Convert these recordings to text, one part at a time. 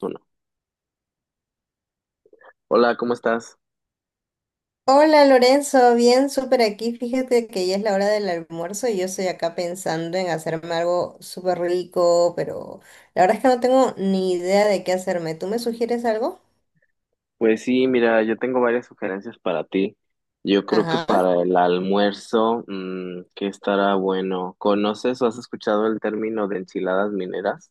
Uno. Hola, ¿cómo estás? Hola Lorenzo, bien, súper aquí. Fíjate que ya es la hora del almuerzo y yo estoy acá pensando en hacerme algo súper rico, pero la verdad es que no tengo ni idea de qué hacerme. ¿Tú me sugieres algo? Pues sí, mira, yo tengo varias sugerencias para ti. Yo creo que Ajá. para el almuerzo, mm, que estará bueno. ¿Conoces o has escuchado el término de enchiladas mineras?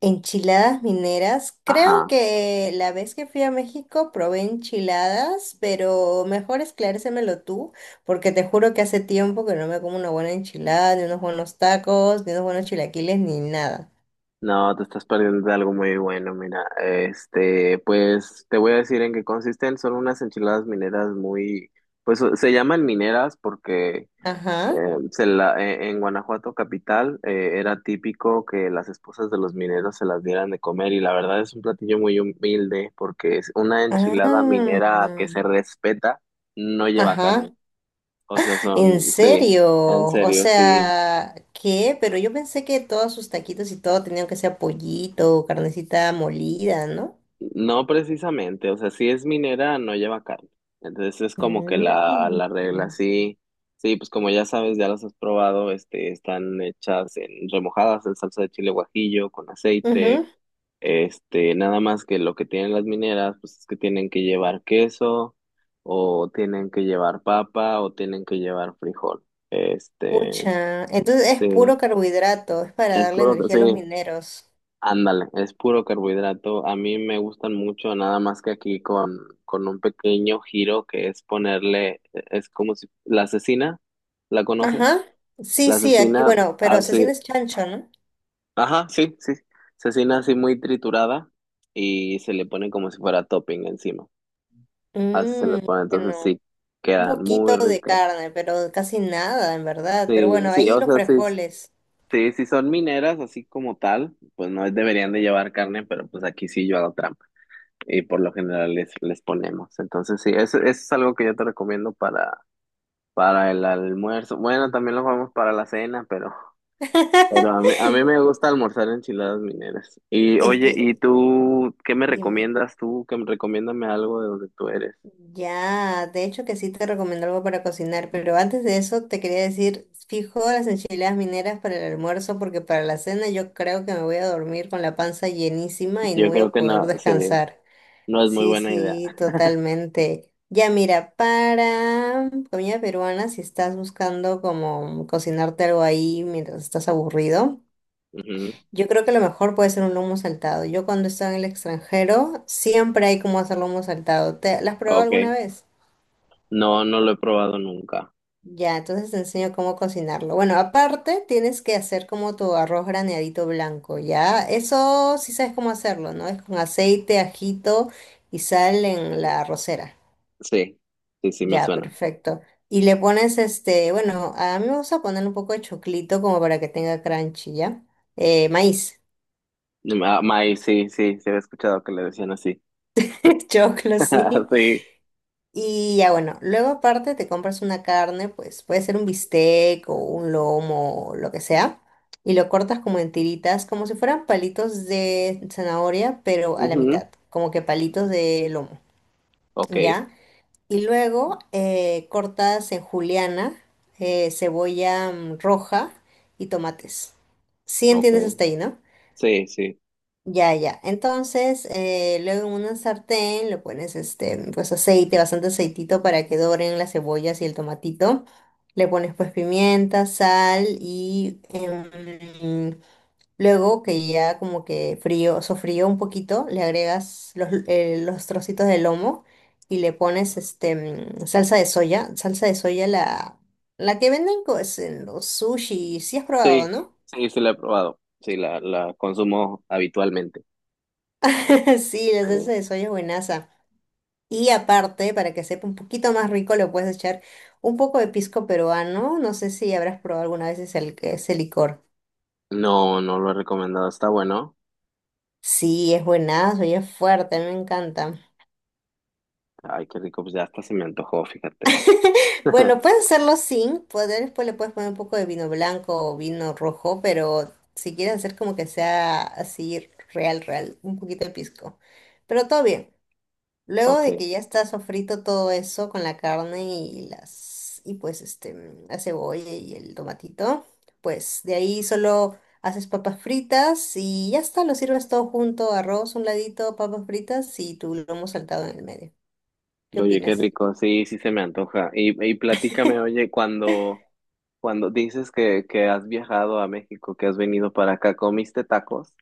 Enchiladas mineras. Creo Ajá. que la vez que fui a México probé enchiladas, pero mejor esclarécemelo tú, porque te juro que hace tiempo que no me como una buena enchilada, ni unos buenos tacos, ni unos buenos chilaquiles, ni nada. No, te estás perdiendo de algo muy bueno, mira. Pues te voy a decir en qué consisten. Son unas enchiladas mineras muy, pues se llaman mineras porque Ajá. Eh, en Guanajuato capital era típico que las esposas de los mineros se las dieran de comer, y la verdad es un platillo muy humilde porque es una enchilada Ah, minera que se respeta, no lleva carne. ajá. O sea, son, ¿En sí, serio? en O serio, sí. sea, ¿qué? Pero yo pensé que todos sus taquitos y todo tenían que ser pollito o carnecita molida, ¿no? No precisamente, o sea, si es minera, no lleva carne. Entonces es como que la, Mm. la regla, sí. Sí, pues como ya sabes, ya las has probado, están hechas en remojadas en salsa de chile guajillo con aceite. Ujú. Nada más que lo que tienen las mineras, pues es que tienen que llevar queso, o tienen que llevar papa, o tienen que llevar frijol. Este, Pucha. Entonces es sí, puro carbohidrato, es para es darle puro, energía sí, a los mineros. ándale, es puro carbohidrato. A mí me gustan mucho, nada más que aquí con un pequeño giro que es ponerle, es como si, la cecina, ¿la conoces? Ajá. Sí, La sí, aquí, cecina bueno, pero así, cecina es chancho, ¿no? ajá, sí, sí, cecina así muy triturada y se le pone como si fuera topping encima. Así se le Mmm, pone, entonces bueno, sí, un quedan muy poquito de ricas. carne, pero casi nada, en verdad. Pero Sí, bueno, sí, ahí o los sea, sí, frijoles. sí, sí son mineras así como tal, pues no deberían de llevar carne, pero pues aquí sí yo hago trampa y por lo general les ponemos. Entonces sí, eso es algo que yo te recomiendo para el almuerzo. Bueno, también lo vamos para la cena, pero a mí me gusta almorzar enchiladas mineras. Y Es oye, que, ¿y tú qué me dime. recomiendas tú? Que me recomiéndame algo de donde tú eres. Ya, de hecho que sí te recomiendo algo para cocinar, pero antes de eso te quería decir, fijo las enchiladas mineras para el almuerzo porque para la cena yo creo que me voy a dormir con la panza llenísima y no Yo voy creo a que poder no, sí, descansar. no es muy Sí, buena idea. sí, totalmente. Ya mira, para comida peruana, si estás buscando como cocinarte algo ahí mientras estás aburrido. Ujú. Yo creo que lo mejor puede ser un lomo saltado. Yo cuando estaba en el extranjero, siempre hay como hacer lomo saltado. ¿Te, las has probado Ok, alguna vez? no, no lo he probado nunca. Ya, entonces te enseño cómo cocinarlo. Bueno, aparte tienes que hacer como tu arroz graneadito blanco, ¿ya? Eso sí sabes cómo hacerlo, ¿no? Es con aceite, ajito y sal en la arrocera. Sí, sí, sí, me Ya, suena. perfecto. Y le pones este, bueno, a mí me gusta poner un poco de choclito como para que tenga crunchy, ¿ya? Maíz, Maíz, sí, sí, se había escuchado que le decían así. choclo, sí. Sí, Y ya bueno, luego aparte te compras una carne, pues puede ser un bistec o un lomo, o lo que sea, y lo cortas como en tiritas, como si fueran palitos de zanahoria, pero a la ujú, mitad, como que palitos de lomo, ok, ¿ya? Y luego cortas en juliana, cebolla roja y tomates. ¿Sí ok, entiendes hasta ahí, no? sí, sí, Ya, ya. Entonces, luego en una sartén le pones este, pues aceite, bastante aceitito para que doren las cebollas y el tomatito. Le pones pues pimienta, sal y luego que ya como que frío, sofrío un poquito, le agregas los trocitos de lomo y le pones este salsa de soya. Salsa de soya la que venden pues, en los sushi, si has probado, sí, ¿no? sí, sí, la he probado. Sí, la consumo habitualmente. Sí, la salsa Sí. de soya es buenaza. Y aparte, para que sepa un poquito más rico, le puedes echar un poco de pisco peruano. No sé si habrás probado alguna vez ese, ese licor. No, no lo he recomendado, está bueno. Sí, es buenazo y es fuerte, a mí me encanta. Ay, qué rico, pues ya hasta se me antojó, fíjate. Bueno, puedes hacerlo sin, poder, después le puedes poner un poco de vino blanco o vino rojo, pero si quieres hacer como que sea así real, real, un poquito de pisco. Pero todo bien. Luego Ok, de que ya está sofrito todo eso con la carne y las y pues este la cebolla y el tomatito, pues de ahí solo haces papas fritas y ya está, lo sirves todo junto, arroz un ladito, papas fritas y tu lomo saltado en el medio. ¿Qué oye, qué opinas? rico, sí, sí se me antoja. Y platícame, oye, cuando. Cuando dices que has viajado a México, que has venido para acá, ¿comiste tacos?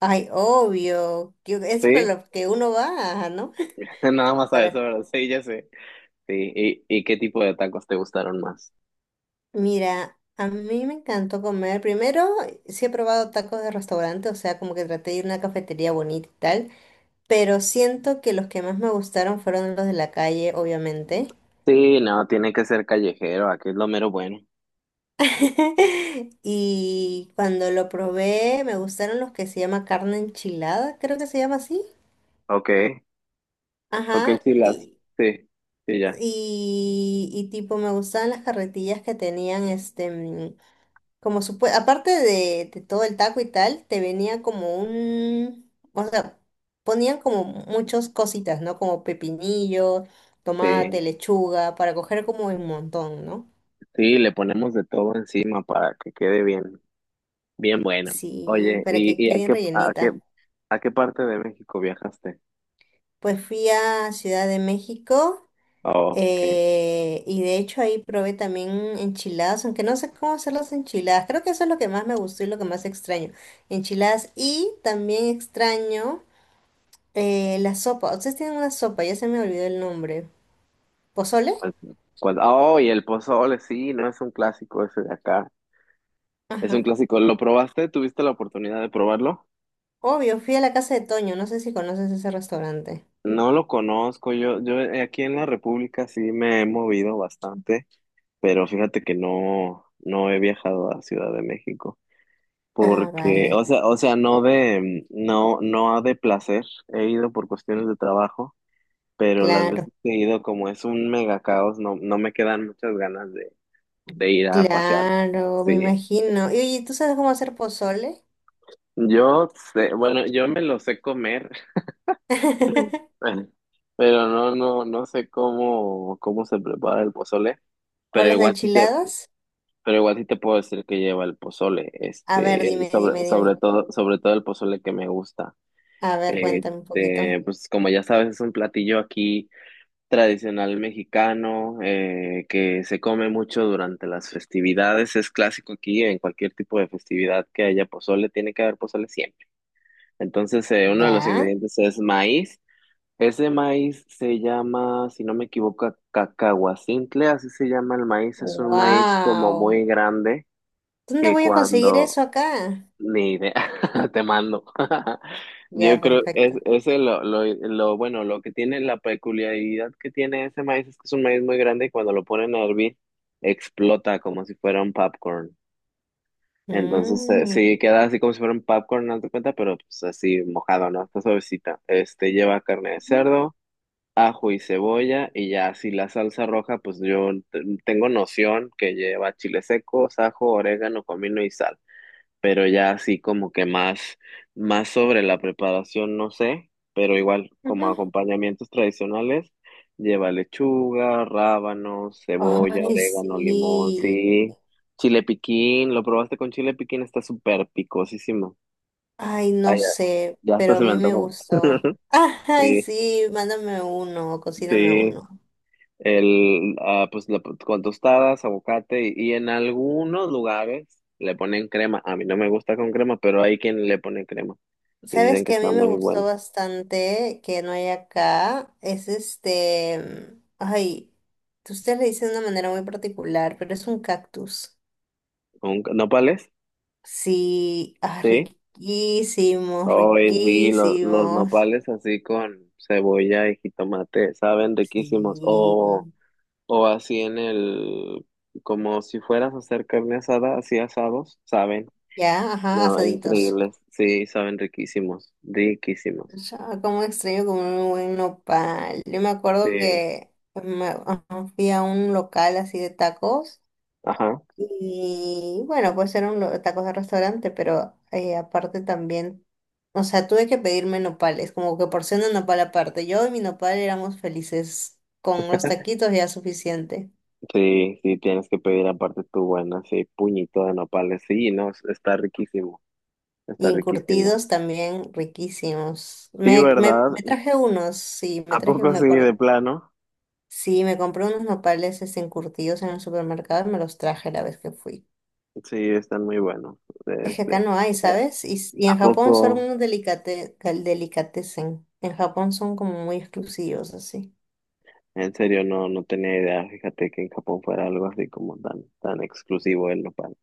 Ay, obvio, que es para Sí, lo que uno va, ¿no? nada más a eso, Para ¿verdad? Sí, ya sé. Sí, y qué tipo de tacos te gustaron más? mira, a mí me encantó comer. Primero, sí he probado tacos de restaurante, o sea, como que traté de ir a una cafetería bonita y tal, pero siento que los que más me gustaron fueron los de la calle, obviamente. Sí, no, tiene que ser callejero, aquí es lo mero bueno. Y cuando lo probé, me gustaron los que se llama carne enchilada, creo que se llama así. Ok, ok, Ajá, sí, las, sí, sí, ya, y tipo me gustaban las carretillas que tenían este, como aparte de todo el taco y tal, te venía como un, o sea, ponían como muchas cositas, ¿no? Como pepinillo, tomate, sí, lechuga, para coger como un montón, ¿no? sí, le ponemos de todo encima para que quede bien, bien bueno. Sí, Oye, para que y a quede qué, rellenita. a qué parte de México viajaste? Pues fui a Ciudad de México Oh, ok. Y de hecho ahí probé también enchiladas, aunque no sé cómo hacer las enchiladas. Creo que eso es lo que más me gustó y lo que más extraño. Enchiladas y también extraño la sopa. Ustedes tienen una sopa, ya se me olvidó el nombre. ¿Pozole? cuál- Oh, y el pozole, sí, no es un clásico ese de acá. Es un Ajá. clásico. ¿Lo probaste? ¿Tuviste la oportunidad de probarlo? Obvio, fui a la casa de Toño, no sé si conoces ese restaurante. No lo conozco. Yo aquí en la República sí me he movido bastante, pero fíjate que no, no he viajado a Ciudad de México. Ah, Porque, vale. O sea, no de, no, no de placer. He ido por cuestiones de trabajo, pero las veces Claro, que he ido, como es un mega caos, no, no me quedan muchas ganas de ir a pasear. claro, me Sí. imagino. Y oye, ¿tú sabes cómo hacer pozole? Yo sé, bueno, yo me lo sé comer, pero no, no, no sé cómo, cómo se prepara el pozole, ¿O pero las igual sí te, enchiladas? pero igual sí te puedo decir que lleva el pozole, A ver, dime, sobre, dime, dime. Sobre todo el pozole que me gusta. A ver, cuéntame un poquito. Pues como ya sabes, es un platillo aquí tradicional mexicano, que se come mucho durante las festividades, es clásico aquí, en cualquier tipo de festividad que haya pozole, tiene que haber pozole siempre. Entonces, uno de los ¿Ya? ingredientes es maíz. Ese maíz se llama, si no me equivoco, cacahuacintle, así se llama el maíz. Es un maíz como ¡Wow! muy grande ¿Dónde que voy a conseguir cuando... eso acá? Ni idea, te mando. Yo Ya, creo, es, perfecto. ese lo, bueno, lo que tiene, la peculiaridad que tiene ese maíz es que es un maíz muy grande y cuando lo ponen a hervir, explota como si fuera un popcorn. Entonces, Mm, sí, queda así como si fuera un popcorn, no te cuenta, pero pues así mojado, ¿no? Está suavecita. Este lleva carne de ujú, cerdo, ajo y cebolla, y ya si la salsa roja, pues yo tengo noción que lleva chile seco, ajo, orégano, comino y sal, pero ya así como que más, más sobre la preparación, no sé, pero igual como ujú. acompañamientos tradicionales, lleva lechuga, rábanos, cebolla, Ay, orégano, limón, sí. sí, chile piquín, lo probaste con chile piquín, está súper picosísimo. Ay, Ah, no ya, sé, ya hasta pero a se me mí me antojó. gustó. Ay, Sí, sí, mándame uno, cocíname sí. uno. Pues con tostadas, aguacate y en algunos lugares le ponen crema. A mí no me gusta con crema, pero hay quien le pone crema y Sabes dicen que que a mí está me muy gustó bueno. bastante que no hay acá, es este, ay, ustedes le dicen de una manera muy particular, pero es un cactus. ¿Con nopales? Sí, ah, Sí. riquísimos, Hoy vi los riquísimos. nopales así con cebolla y jitomate, saben riquísimos. Sí, O así en el, como si fueras a hacer carne asada, así asados, saben. ya, ajá, No, asaditos. increíbles. Sí, saben riquísimos, riquísimos. Ya, como extraño comer un buen nopal. Yo me acuerdo Sí. que ajá, fui a un local así de tacos. Ajá. Y bueno, pues eran los tacos de restaurante, pero aparte también, o sea, tuve que pedirme nopales, como que porción de nopal aparte. Yo y mi nopal éramos felices, con los taquitos ya suficiente. Sí, sí, tienes que pedir aparte tu buena, sí, puñito de nopales. Sí, no, está riquísimo, Y está riquísimo. encurtidos también riquísimos. Sí, ¿verdad? Me traje unos, sí, me ¿A traje, poco me sí, acuerdo. de plano? Sí, me compré unos nopales este, encurtidos en el supermercado y me los traje la vez que fui. Sí, están muy buenos. Es que acá Este, no hay, eh, ¿sabes? Y en ¿A Japón son poco? unos delicate, delicatessen. En Japón son como muy exclusivos, así. En serio, no, no tenía idea. Fíjate que en Japón fuera algo así como tan, tan exclusivo el nopal.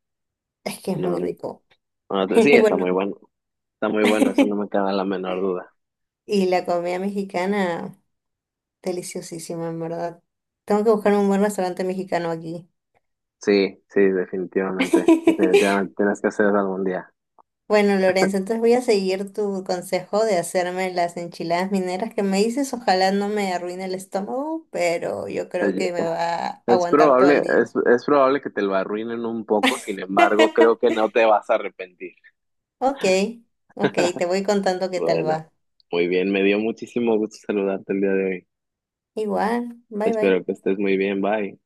Es que es No, muy no, rico. no, no, sí, está Bueno, muy bueno. Está muy bueno, eso no me queda la menor duda. y la comida mexicana, deliciosísima, en verdad. Tengo que buscar un buen restaurante mexicano aquí. Sí, sí, definitivamente. Definitivamente tienes que hacerlo algún día. Bueno, Lorenzo, entonces voy a seguir tu consejo de hacerme las enchiladas mineras que me dices. Ojalá no me arruine el estómago, pero yo creo Eh, que me va a aguantar todo el día. Es probable que te lo arruinen un poco, sin embargo, creo que no te vas a arrepentir. Ok, ok, te voy contando qué tal Bueno, va. muy bien, me dio muchísimo gusto saludarte el día de hoy. Igual, bye bye. Espero que estés muy bien, bye.